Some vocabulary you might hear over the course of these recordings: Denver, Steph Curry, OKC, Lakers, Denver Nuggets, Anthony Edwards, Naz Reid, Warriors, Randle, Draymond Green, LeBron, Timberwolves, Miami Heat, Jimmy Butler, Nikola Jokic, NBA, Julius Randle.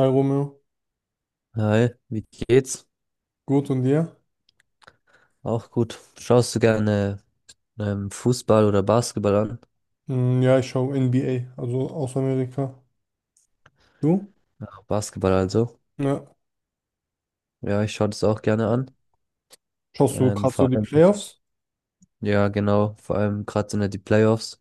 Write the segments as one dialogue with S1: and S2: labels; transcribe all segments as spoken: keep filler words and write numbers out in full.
S1: Hi Romeo,
S2: Hi, wie geht's?
S1: gut und dir?
S2: Auch gut. Schaust du gerne ähm, Fußball oder Basketball an?
S1: Hm, ja, ich schaue N B A, also aus Amerika. Du?
S2: Ach, Basketball also.
S1: Ja.
S2: Ja, ich schaue das auch gerne an.
S1: Schaust du
S2: Ähm,
S1: gerade so
S2: vor
S1: die
S2: allem,
S1: Playoffs?
S2: ja genau, vor allem gerade sind ja die Playoffs.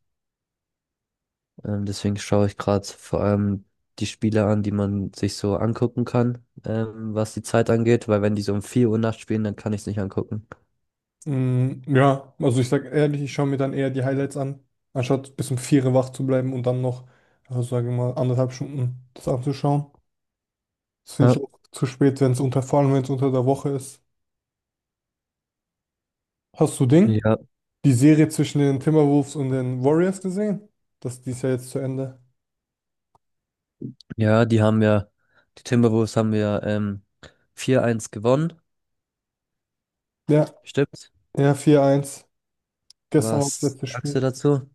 S2: Ähm, deswegen schaue ich gerade vor allem die Spiele an, die man sich so angucken kann, ähm, was die Zeit angeht, weil wenn die so um vier Uhr nachts spielen, dann kann ich es nicht angucken.
S1: Hm, ja, also ich sag ehrlich, ich schaue mir dann eher die Highlights an, anstatt bis um vier Uhr wach zu bleiben und dann noch, also sage ich mal, anderthalb Stunden das anzuschauen. Das finde ich
S2: Ja,
S1: auch zu spät, wenn es unter, vor allem wenn es unter der Woche ist. Hast du Ding?
S2: ja,
S1: Die Serie zwischen den Timberwolves und den Warriors gesehen? Das die ist ja jetzt zu Ende.
S2: ja, die haben ja, die Timberwolves haben ja ähm, vier eins gewonnen,
S1: Ja,
S2: stimmt?
S1: ja, vier eins. Gestern war das
S2: Was
S1: letzte
S2: sagst du
S1: Spiel.
S2: dazu?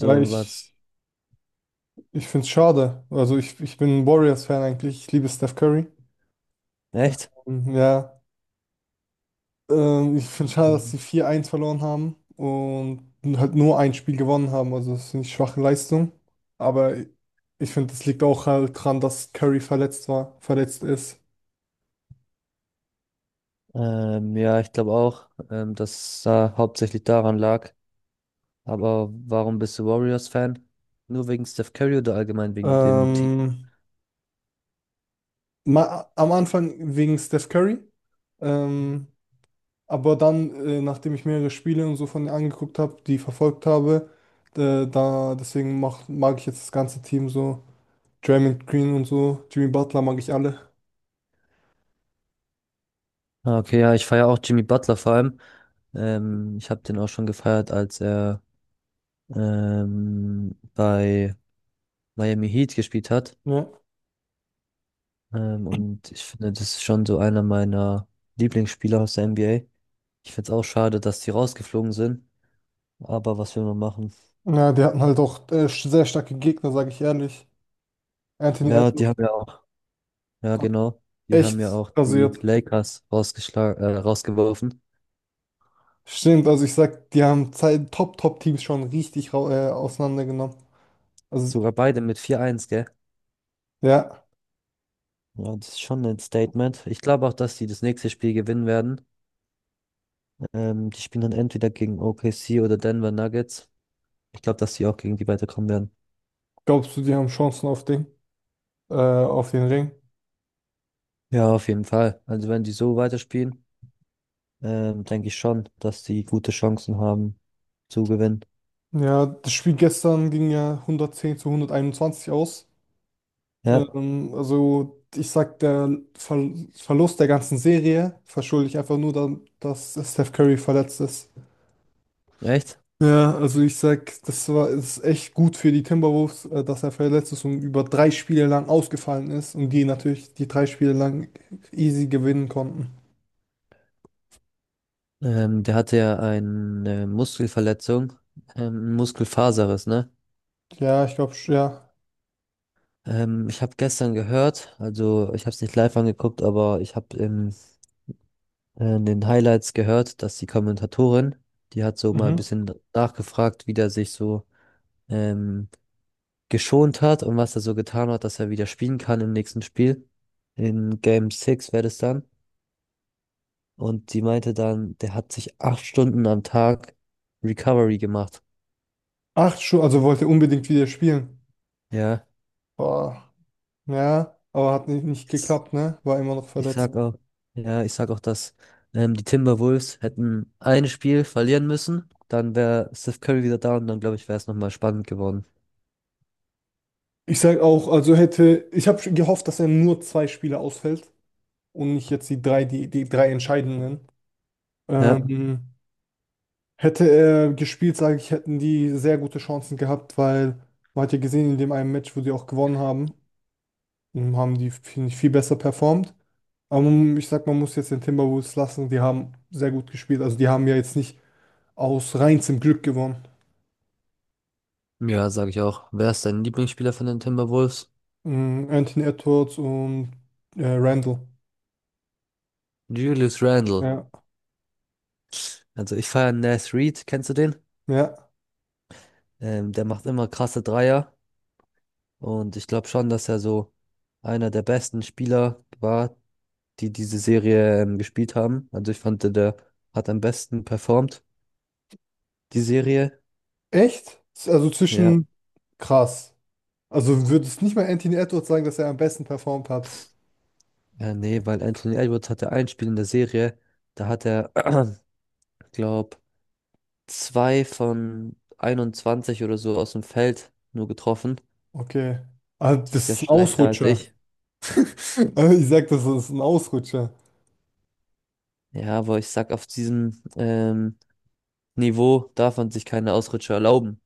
S1: Ja,
S2: was?
S1: ich. Ich finde es schade. Also ich, ich bin ein Warriors-Fan eigentlich. Ich liebe Steph Curry.
S2: Echt?
S1: Ähm, Ja, ähm, ich finde es schade, dass sie
S2: Mhm.
S1: vier eins verloren haben und halt nur ein Spiel gewonnen haben. Also das ist eine schwache Leistung. Aber ich finde, das liegt auch halt dran, dass Curry verletzt war, verletzt ist.
S2: Ähm, ja, ich glaube auch, ähm, dass da hauptsächlich daran lag. Aber warum bist du Warriors-Fan? Nur wegen Steph Curry oder allgemein wegen dem Team?
S1: Ähm, ma am Anfang wegen Steph Curry. Ähm, Aber dann, äh, nachdem ich mehrere Spiele und so von ihr angeguckt habe, die verfolgt habe, äh, da deswegen mach, mag ich jetzt das ganze Team so. Draymond Green und so, Jimmy Butler mag ich alle.
S2: Ah, okay, ja, ich feiere auch Jimmy Butler vor allem. Ähm, ich habe den auch schon gefeiert, als er ähm, bei Miami Heat gespielt hat.
S1: Ja,
S2: Ähm, und ich finde, das ist schon so einer meiner Lieblingsspieler aus der N B A. Ich finde es auch schade, dass die rausgeflogen sind. Aber was will man machen?
S1: ja die hatten halt auch äh, sch- sehr starke Gegner, sage ich ehrlich. Anthony
S2: Ja, die
S1: Edwards
S2: haben ja auch, ja
S1: hat
S2: genau, die haben ja
S1: echt
S2: auch die
S1: rasiert.
S2: Lakers rausgeschlagen, äh, rausgeworfen.
S1: Stimmt, also ich sag, die haben zwei Top-Top-Teams schon richtig rau- äh, auseinandergenommen. Also,
S2: Sogar beide mit vier eins, gell?
S1: ja,
S2: Ja, das ist schon ein Statement. Ich glaube auch, dass die das nächste Spiel gewinnen werden. Ähm, die spielen dann entweder gegen O K C oder Denver Nuggets. Ich glaube, dass die auch gegen die weiterkommen werden.
S1: glaubst du, die haben Chancen auf Ding, äh, auf den Ring?
S2: Ja, auf jeden Fall. Also wenn die so weiterspielen, ähm, denke ich schon, dass die gute Chancen haben zu gewinnen.
S1: Ja, das Spiel gestern ging ja hundertzehn zu hunderteinundzwanzig aus.
S2: Ja,
S1: Ähm, also ich sag, der Ver Verlust der ganzen Serie verschulde ich einfach nur dann, dass Steph Curry verletzt ist.
S2: echt?
S1: Ja, also ich sag, das war ist echt gut für die Timberwolves, äh, dass er verletzt ist und über drei Spiele lang ausgefallen ist und die natürlich die drei Spiele lang easy gewinnen konnten.
S2: Ähm, der hatte ja eine Muskelverletzung, ähm, einen Muskelfaserriss, ne?
S1: Ja, ich glaube, ja.
S2: Ähm, ich habe gestern gehört, also ich habe es nicht live angeguckt, aber ich habe in, äh, in den Highlights gehört, dass die Kommentatorin, die hat so mal ein
S1: Mhm.
S2: bisschen nachgefragt, wie der sich so ähm, geschont hat und was er so getan hat, dass er wieder spielen kann im nächsten Spiel. In Game sechs wäre das dann. Und die meinte dann, der hat sich acht Stunden am Tag Recovery gemacht.
S1: Acht schon, also wollte unbedingt wieder spielen.
S2: Ja.
S1: Boah. Ja, aber hat nicht, nicht geklappt, ne? War immer noch
S2: Ich
S1: verletzt.
S2: sag auch, ja, ich sag auch, dass ähm, die Timberwolves hätten ein Spiel verlieren müssen, dann wäre Steph Curry wieder da und dann glaube ich, wäre es nochmal spannend geworden.
S1: Ich sage auch, also hätte, ich habe gehofft, dass er nur zwei Spiele ausfällt und nicht jetzt die drei, die, die drei entscheidenden.
S2: Ja,
S1: Ähm, hätte er gespielt, sage ich, hätten die sehr gute Chancen gehabt, weil man hat ja gesehen, in dem einen Match, wo sie auch gewonnen haben, haben die, finde ich, viel besser performt. Aber man- ich sag, man muss jetzt den Timberwolves lassen, die haben sehr gut gespielt. Also die haben ja jetzt nicht aus reinstem Glück gewonnen.
S2: ja, sage ich auch. Wer ist dein Lieblingsspieler von den Timberwolves?
S1: Ähm, Anthony Edwards und äh, Randle.
S2: Julius Randle.
S1: Ja.
S2: Also ich feiere Naz Reid, kennst du den?
S1: Ja.
S2: Ähm, der macht immer krasse Dreier und ich glaube schon, dass er so einer der besten Spieler war, die diese Serie ähm, gespielt haben. Also ich fand, der der hat am besten performt, die Serie.
S1: Echt? Also
S2: Ja.
S1: zwischen krass. Also würdest nicht mal Anthony Edwards sagen, dass er am besten performt hat.
S2: Ja, nee, weil Anthony Edwards hatte ein Spiel in der Serie, da hat er, glaub, zwei von einundzwanzig oder so aus dem Feld nur getroffen.
S1: Okay. Ah,
S2: Das
S1: das
S2: ist ja
S1: ist ein
S2: schlechter als
S1: Ausrutscher.
S2: ich.
S1: Äh, Ich sag, das ist ein Ausrutscher.
S2: Ja, aber ich sag, auf diesem ähm, Niveau darf man sich keine Ausrutscher erlauben.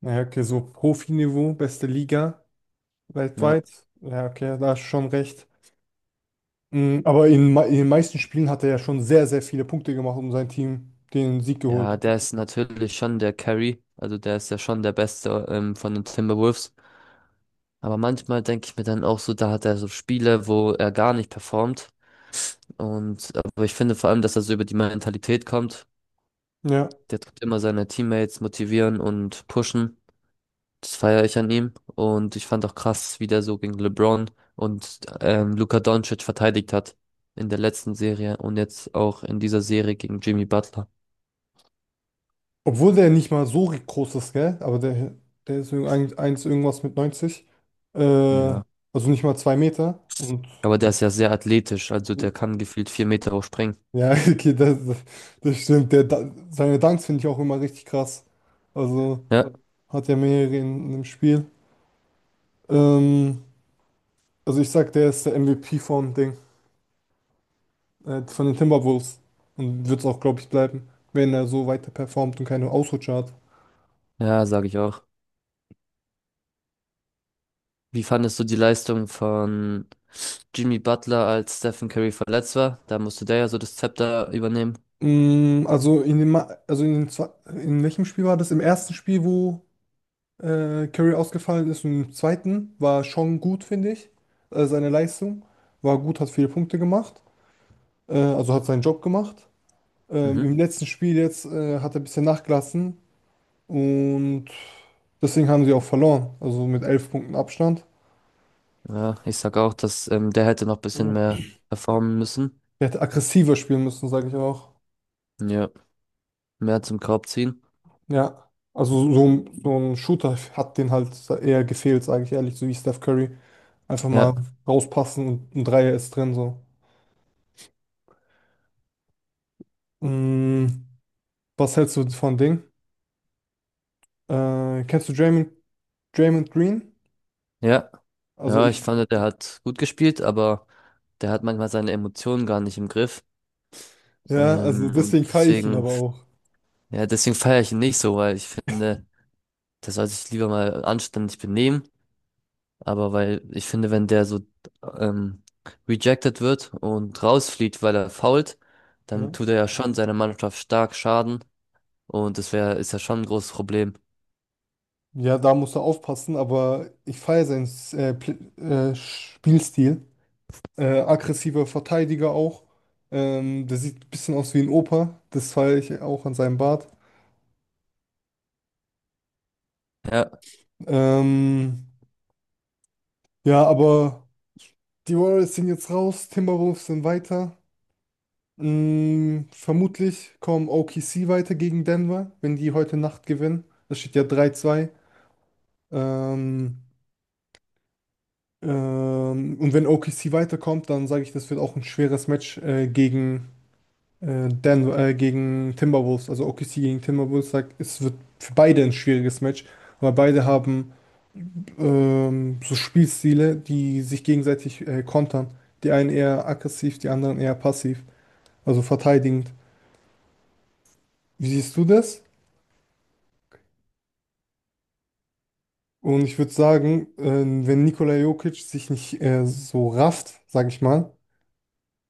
S1: Naja, okay, so Profiniveau, beste Liga
S2: Ja.
S1: weltweit. Ja, okay, da hast du schon recht. Mm, Aber in, me- in den meisten Spielen hat er ja schon sehr, sehr viele Punkte gemacht und sein Team den Sieg
S2: Ja,
S1: geholt.
S2: der ist natürlich schon der Carry, also der ist ja schon der Beste ähm, von den Timberwolves. Aber manchmal denke ich mir dann auch so, da hat er so Spiele, wo er gar nicht performt. Und aber ich finde vor allem, dass er so über die Mentalität kommt.
S1: Ja.
S2: Der tut immer seine Teammates motivieren und pushen. Das feiere ich an ihm. Und ich fand auch krass, wie der so gegen LeBron und ähm, Luka Doncic verteidigt hat. In der letzten Serie und jetzt auch in dieser Serie gegen Jimmy Butler.
S1: Obwohl der nicht mal so groß ist, gell? Aber der, der ist irg- ein- eins irgendwas mit neunzig. Äh,
S2: Ja.
S1: also nicht mal zwei Meter. Und
S2: Aber der ist ja sehr athletisch, also der kann gefühlt vier Meter hoch springen.
S1: ja, okay, das, das stimmt. Der, Da- seine Dunks finde ich auch immer richtig krass. Also
S2: Ja,
S1: hat ja mehrere in, im Spiel. Ähm, also ich sag, der ist der M V P vom Ding, äh, von den Timberwolves. Und wird es auch, glaube ich, bleiben, wenn er so weiter performt und keine Ausrutscher hat.
S2: ja, sage ich auch. Wie fandest du die Leistung von Jimmy Butler, als Stephen Curry verletzt war? Da musste der ja so das Zepter übernehmen.
S1: Mm, also in dem, Ma- also in, den zwei- in welchem Spiel war das? Im ersten Spiel, wo äh, Curry ausgefallen ist. Und im zweiten war schon gut, finde ich. Äh, seine Leistung war gut, hat viele Punkte gemacht. Äh, also hat seinen Job gemacht. Ähm,
S2: Mhm.
S1: im letzten Spiel jetzt äh, hat er ein bisschen nachgelassen und deswegen haben sie auch verloren. Also mit elf Punkten Abstand.
S2: Ja, ich sag auch, dass ähm, der hätte noch ein bisschen mehr performen müssen.
S1: Er hätte aggressiver spielen müssen, sage ich auch.
S2: Ja, mehr zum Korb ziehen.
S1: Ja. Also so, so ein- so ein Shooter hat den halt eher gefehlt, sage ich ehrlich, so wie Steph Curry. Einfach mal
S2: Ja,
S1: rauspassen und ein Dreier ist drin, so. Mm, was hältst du von Ding? Äh, kennst du Draymond, Draymond, Green?
S2: ja.
S1: Also
S2: Ja, ich
S1: ich,
S2: fand, der hat gut gespielt, aber der hat manchmal seine Emotionen gar nicht im Griff.
S1: ja, also
S2: Ähm, und
S1: deswegen feiere ich ihn
S2: deswegen,
S1: aber auch.
S2: ja, deswegen feiere ich ihn nicht so, weil ich finde, der soll sich lieber mal anständig benehmen. Aber weil ich finde, wenn der so ähm, rejected wird und rausfliegt, weil er foult, dann
S1: Ne?
S2: tut er ja schon seiner Mannschaft stark Schaden. Und das wäre, ist ja schon ein großes Problem.
S1: Ja, da musst du aufpassen, aber ich feiere seinen äh, Pl- äh, Spielstil. Äh, aggressiver Verteidiger auch. Ähm, der sieht ein bisschen aus wie ein Opa. Das feiere ich auch an seinem Bart.
S2: Ja,
S1: Ähm, ja, aber die Warriors sind jetzt raus, Timberwolves sind weiter. Mm, vermutlich kommen O K C weiter gegen Denver, wenn die heute Nacht gewinnen. Das steht ja drei zwei. Ähm, ähm, und wenn O K C weiterkommt, dann sage ich, das wird auch ein schweres Match äh, gegen, äh, Denver, äh, gegen Timberwolves. Also O K C gegen Timberwolves sagt, es wird für beide ein schwieriges Match, weil beide haben ähm, so Spielstile, die sich gegenseitig äh, kontern. Die einen eher aggressiv, die anderen eher passiv, also verteidigend. Wie siehst du das? Und ich würde sagen, äh, wenn Nikola Jokic sich nicht äh, so rafft, sage ich mal.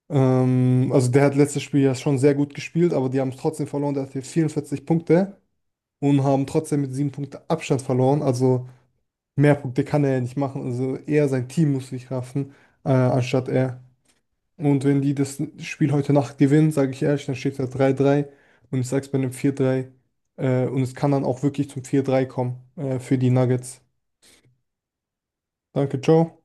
S1: Ähm, also der hat letztes Spiel ja schon sehr gut gespielt, aber die haben es trotzdem verloren. Der hatte vierundvierzig Punkte und haben trotzdem mit sieben Punkten Abstand verloren. Also mehr Punkte kann er ja nicht machen. Also eher sein Team muss sich raffen, äh, anstatt er. Und wenn die das Spiel heute Nacht gewinnen, sage ich ehrlich, dann steht da drei drei und ich sag's bei einem vier drei. Äh, und es kann dann auch wirklich zum vier drei kommen, äh, für die Nuggets. Danke, ciao.